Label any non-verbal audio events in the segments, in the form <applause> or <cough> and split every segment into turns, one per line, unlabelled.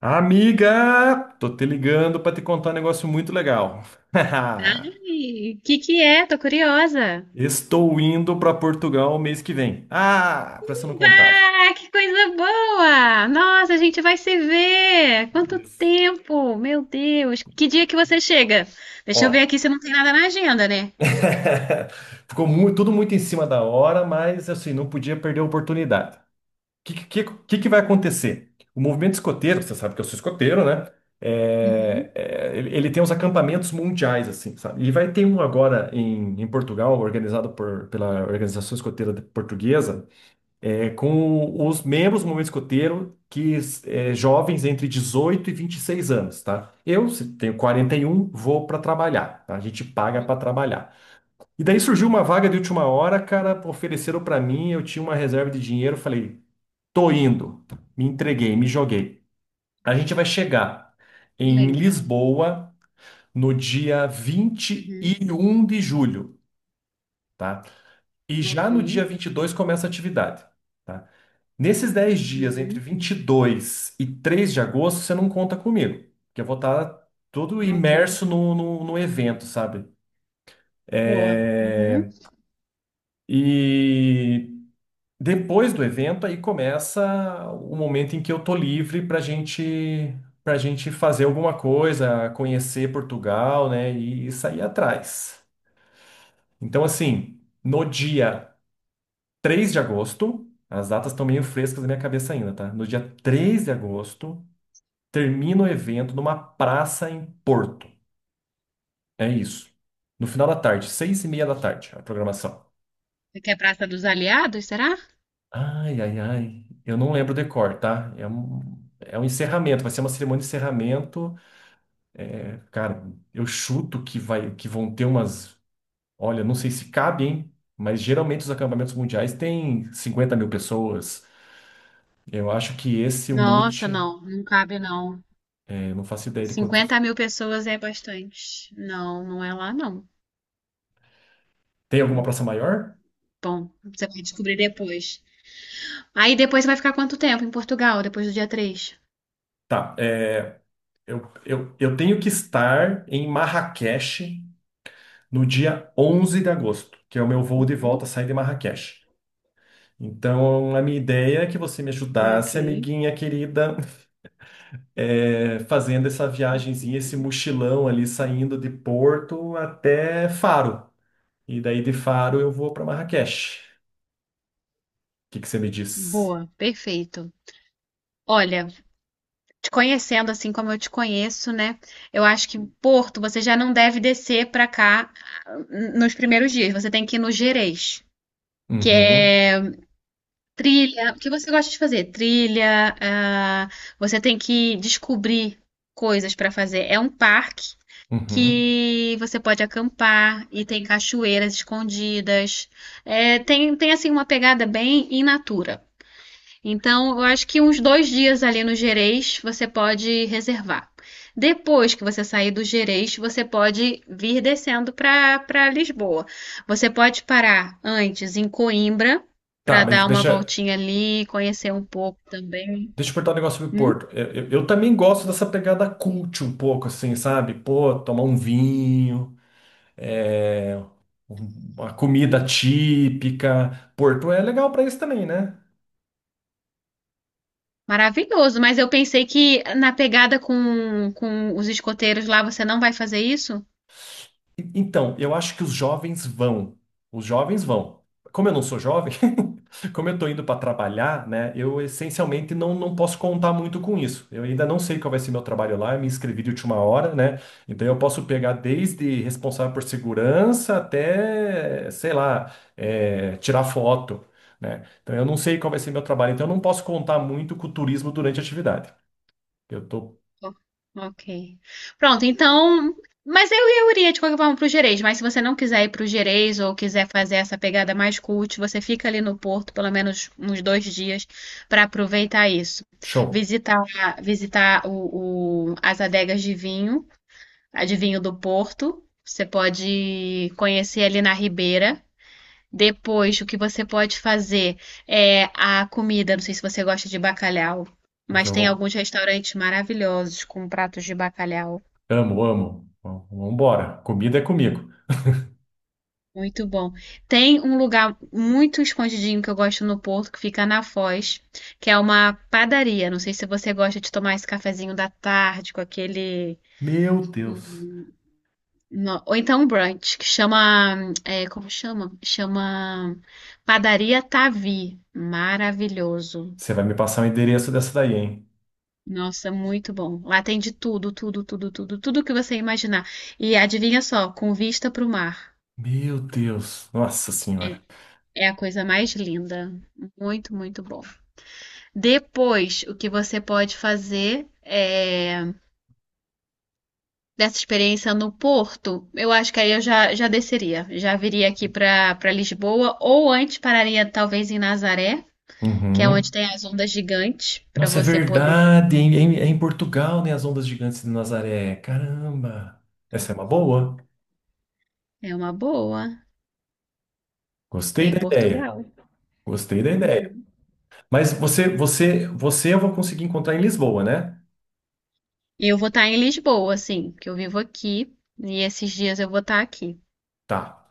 Amiga, tô te ligando para te contar um negócio muito legal. <laughs>
Ai, que é? Tô curiosa.
Estou indo para Portugal mês que vem. Ah, pra você não contava.
Bah, que coisa boa! Nossa, a gente vai se ver! Quanto
Isso.
tempo! Meu Deus! Que dia que você chega?
Ó,
Deixa eu ver aqui se não tem nada na agenda, né?
<laughs> ficou tudo muito em cima da hora, mas assim, não podia perder a oportunidade. O que, que, que, que vai acontecer? O movimento escoteiro, você sabe que eu sou escoteiro, né?
Uhum.
É, ele tem uns acampamentos mundiais, assim, sabe? E vai ter um agora em Portugal, organizado pela Organização Escoteira Portuguesa, é com os membros do movimento escoteiro que é, jovens entre 18 e 26 anos, tá? Eu se tenho 41, vou para trabalhar, tá? A gente paga para trabalhar. E daí
Uhum.
surgiu uma vaga de última hora, cara, ofereceram para mim, eu tinha uma reserva de dinheiro, falei, tô indo, me entreguei, me joguei. A gente vai chegar
Que
em
legal.
Lisboa no dia
Uhum.
21 de julho, tá? E já
Ok.
no dia 22 começa a atividade, tá? Nesses 10 dias, entre
Uhum.
22 e 3 de agosto, você não conta comigo, porque eu vou estar todo
Ok.
imerso no evento, sabe?
Boa. Uhum.
É. E depois do evento, aí começa o momento em que eu tô livre para gente fazer alguma coisa, conhecer Portugal, né? E sair atrás. Então, assim, no dia 3 de agosto, as datas estão meio frescas na minha cabeça ainda, tá? No dia 3 de agosto, termina o evento numa praça em Porto. É isso. No final da tarde, 6 e meia da tarde, a programação.
Você quer Praça dos Aliados, será?
Ai, ai, ai. Eu não lembro o decor, tá? É um encerramento, vai ser uma cerimônia de encerramento. Cara, eu chuto que vai, que vão ter umas. Olha, não sei se cabe, hein? Mas geralmente os acampamentos mundiais têm 50 mil pessoas. Eu acho que esse, é o
Nossa,
Mute,
não, não cabe não.
eu não faço ideia de
Cinquenta
quantos.
mil pessoas é bastante. Não, não é lá não.
Tem alguma praça maior?
Bom, você vai descobrir depois. Aí depois você vai ficar quanto tempo em Portugal, depois do dia três?
Tá. Eu tenho que estar em Marrakech no dia 11 de agosto, que é o meu voo de volta,
Uhum.
sair de Marrakech. Então, a minha ideia é que você me
Ok.
ajudasse, amiguinha querida, <laughs> fazendo essa viagenzinha, esse mochilão ali, saindo de Porto até Faro. E daí de Faro eu vou para Marrakech. O que que você me diz?
Boa, perfeito. Olha, te conhecendo assim como eu te conheço, né? Eu acho que Porto você já não deve descer pra cá ah, nos primeiros dias. Você tem que ir no Gerês, que
Uhum,
é trilha. O que você gosta de fazer? Trilha. Ah, você tem que descobrir coisas pra fazer. É um parque
uhum.
que você pode acampar e tem cachoeiras escondidas. É, tem assim uma pegada bem in natura. Então, eu acho que uns 2 dias ali no Gerês você pode reservar. Depois que você sair do Gerês, você pode vir descendo para Lisboa. Você pode parar antes em Coimbra
Tá,
para
mas
dar uma
deixa,
voltinha ali, conhecer um pouco também.
Deixa eu perguntar um negócio sobre Porto.
Hum?
Eu, eu também gosto dessa pegada cult um pouco, assim, sabe? Pô, tomar um vinho, é, uma comida típica. Porto é legal pra isso também, né?
Maravilhoso, mas eu pensei que na pegada com os escoteiros lá você não vai fazer isso?
Então, eu acho que os jovens vão. Os jovens vão. Como eu não sou jovem, <laughs> como eu tô indo para trabalhar, né? Eu essencialmente não, não posso contar muito com isso. Eu ainda não sei qual vai ser meu trabalho lá, eu me inscrevi de última hora, né? Então eu posso pegar desde responsável por segurança até, sei lá, tirar foto, né? Então eu não sei qual vai ser meu trabalho, então eu não posso contar muito com o turismo durante a atividade. Eu tô
Ó, ok. Pronto, então. Mas eu iria de qualquer forma pro Gerês, mas se você não quiser ir pro Gerês ou quiser fazer essa pegada mais cult, você fica ali no Porto pelo menos uns 2 dias para aproveitar isso.
show.
Visitar, visitar as adegas de vinho, a de vinho do Porto. Você pode conhecer ali na Ribeira. Depois, o que você pode fazer é a comida. Não sei se você gosta de bacalhau,
Eu
mas tem
vou-
alguns restaurantes maravilhosos com pratos de bacalhau.
amo, amo. Vamos embora. Comida é comigo.
Muito bom. Tem um lugar muito escondidinho que eu gosto no Porto, que fica na Foz, que é uma padaria. Não sei se você gosta de tomar esse cafezinho da tarde com aquele.
Meu Deus.
hum, Ou então um brunch, que chama. É, como chama? Chama Padaria Tavi. Maravilhoso.
Você vai me passar o endereço dessa daí, hein?
Nossa, muito bom. Lá tem de tudo, tudo, tudo, tudo, tudo que você imaginar. E adivinha só, com vista para o mar.
Meu Deus. Nossa Senhora.
É a coisa mais linda. Muito, muito bom. Depois, o que você pode fazer é, dessa experiência no Porto, eu acho que aí eu já desceria. Já viria aqui para Lisboa, ou antes pararia talvez em Nazaré, que é onde
Uhum.
tem as ondas gigantes, para
Nossa, é
você poder.
verdade, hein? É em Portugal, né? As ondas gigantes de Nazaré. Caramba. Essa é uma boa.
É uma boa. É
Gostei
em
da ideia.
Portugal.
Gostei da ideia.
Uhum.
Mas você eu vou conseguir encontrar em Lisboa, né?
E eu vou estar em Lisboa, assim, que eu vivo aqui e esses dias eu vou estar aqui.
Tá.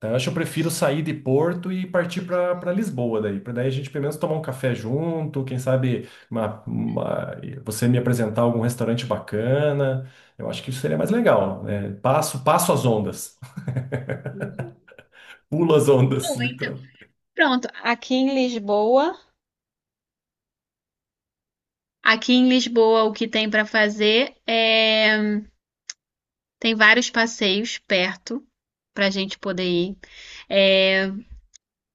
Tá, eu acho que eu prefiro sair de Porto e partir para Lisboa daí, para daí a gente pelo menos tomar um café junto, quem sabe você me apresentar algum restaurante bacana. Eu acho que isso seria mais legal, né? Passo, passo as ondas, <laughs>
Uhum.
pulo as ondas,
Bom, então,
literal.
pronto, aqui em Lisboa o que tem para fazer é tem vários passeios perto pra gente poder ir. É,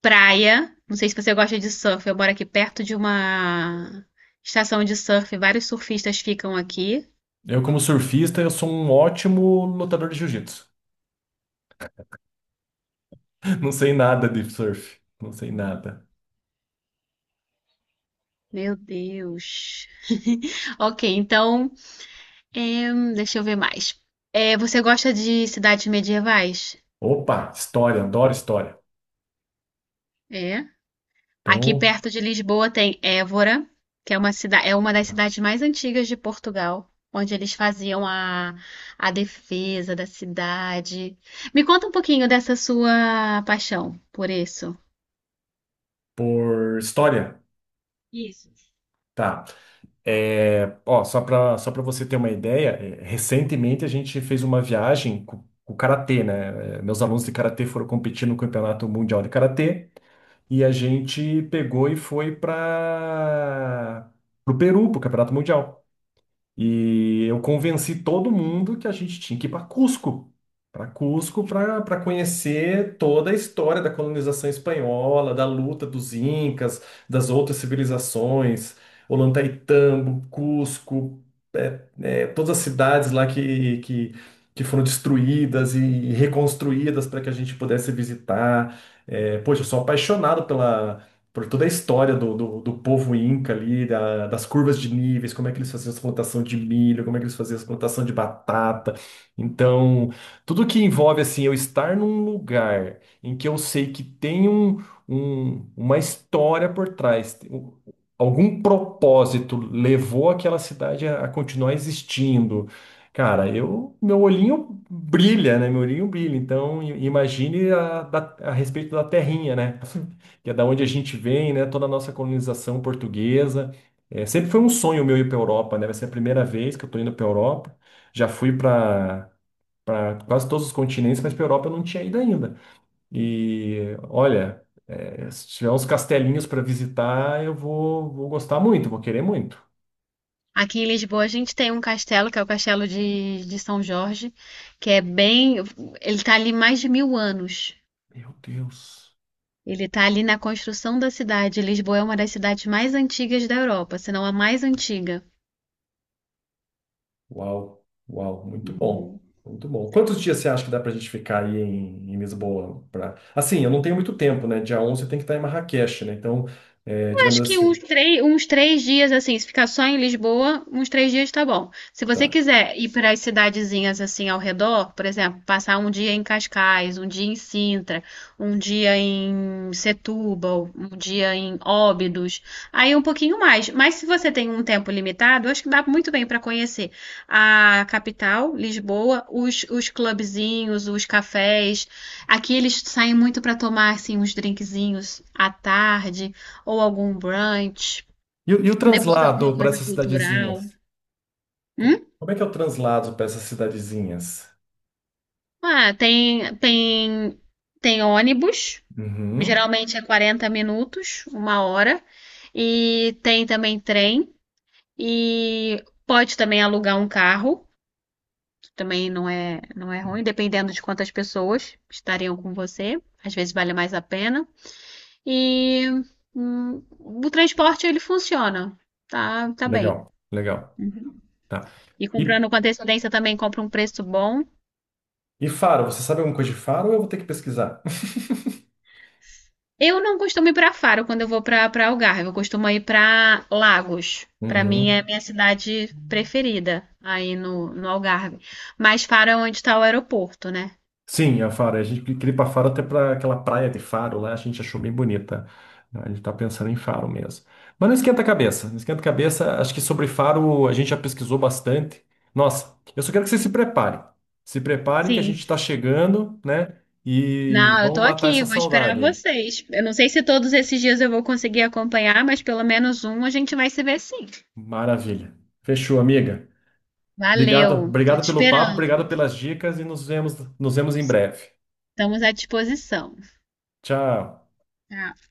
praia, não sei se você gosta de surf, eu moro aqui perto de uma estação de surf, vários surfistas ficam aqui.
Eu como surfista, eu sou um ótimo lutador de jiu-jitsu. <laughs> Não sei nada de surf, não sei nada.
Meu Deus. <laughs> Ok, então é, deixa eu ver mais. É, você gosta de cidades medievais?
Opa, história, adoro história.
É. Aqui
Então,
perto de Lisboa tem Évora, que é uma é uma das cidades mais antigas de Portugal, onde eles faziam a defesa da cidade. Me conta um pouquinho dessa sua paixão por isso.
por história,
Isso.
tá. Ó, só para você ter uma ideia, recentemente a gente fez uma viagem com, o karatê, né? É, meus alunos de karatê foram competir no Campeonato Mundial de Karatê e a gente pegou e foi para o Peru, para o Campeonato Mundial. E eu convenci todo mundo que a gente tinha que ir para Cusco, para Cusco, para conhecer toda a história da colonização espanhola, da luta dos incas, das outras civilizações, Ollantaytambo, Cusco, todas as cidades lá que foram destruídas e reconstruídas para que a gente pudesse visitar. É, poxa, eu sou apaixonado pela por toda a história do povo inca ali, das curvas de níveis, como é que eles faziam as plantação de milho, como é que eles faziam as plantação de batata. Então, tudo que envolve assim eu estar num lugar em que eu sei que tem um, uma história por trás, algum propósito levou aquela cidade a continuar existindo. Cara, eu, meu olhinho brilha, né? Meu olhinho brilha. Então, imagine a respeito da terrinha, né? Que é da onde a gente vem, né? Toda a nossa colonização portuguesa. É, sempre foi um sonho meu ir para a Europa, né? Vai ser a primeira vez que eu estou indo para a Europa. Já fui para quase todos os continentes, mas para a Europa eu não tinha ido ainda. E olha, se tiver uns castelinhos para visitar, eu vou, vou gostar muito, vou querer muito.
Aqui em Lisboa a gente tem um castelo, que é o Castelo de São Jorge, que é bem. Ele está ali mais de 1.000 anos.
Meu Deus.
Ele está ali na construção da cidade. Lisboa é uma das cidades mais antigas da Europa, se não a mais antiga.
Uau, uau, muito bom, muito bom. Quantos dias você acha que dá pra gente ficar aí em Lisboa? Pra... Assim, eu não tenho muito tempo, né? Dia 11 eu tenho que estar em Marrakech, né? Então, é, digamos
Acho que uns
assim,
três, uns três dias, assim, se ficar só em Lisboa, uns 3 dias tá bom. Se você
tá.
quiser ir para as cidadezinhas, assim, ao redor, por exemplo, passar um dia em Cascais, um dia em Sintra, um dia em Setúbal, um dia em Óbidos, aí um pouquinho mais. Mas se você tem um tempo limitado, eu acho que dá muito bem para conhecer a capital, Lisboa, os clubezinhos, os cafés. Aqui eles saem muito para tomar, assim, uns drinkzinhos à tarde ou algum brunch,
E o
depois alguma
translado para
coisa
essas
cultural.
cidadezinhas?
Hum?
Como é que é o translado para essas cidadezinhas?
Ah, tem ônibus,
Uhum.
geralmente é 40 minutos, uma hora, e tem também trem, e pode também alugar um carro, que também não é, não é ruim, dependendo de quantas pessoas estariam com você, às vezes vale mais a pena. E o transporte ele funciona, tá, tá bem.
Legal, legal, tá.
E
E,
comprando com antecedência também compra um preço bom.
e Faro, você sabe alguma coisa de Faro ou eu vou ter que pesquisar? <laughs>
Eu não costumo ir para Faro quando eu vou para Algarve, eu costumo ir para Lagos. Para mim é a
Uhum.
minha cidade preferida aí no Algarve. Mas Faro é onde está o aeroporto, né?
Sim, a Faro. A gente queria ir para Faro até para aquela praia de Faro lá, a gente achou bem bonita, né. A gente tá pensando em Faro mesmo. Mas não esquenta a cabeça, não esquenta a cabeça. Acho que sobre Faro a gente já pesquisou bastante. Nossa, eu só quero que você se prepare. Se prepare que a
Sim.
gente está chegando, né? E
Não, eu
vamos
tô
matar
aqui,
essa
vou esperar
saudade, hein?
vocês. Eu não sei se todos esses dias eu vou conseguir acompanhar, mas pelo menos um a gente vai se ver sim.
Maravilha. Fechou, amiga. Obrigado,
Valeu, tô te
obrigado pelo papo, obrigado
esperando.
pelas dicas e nos vemos em breve.
Estamos à disposição.
Tchau.
Tá.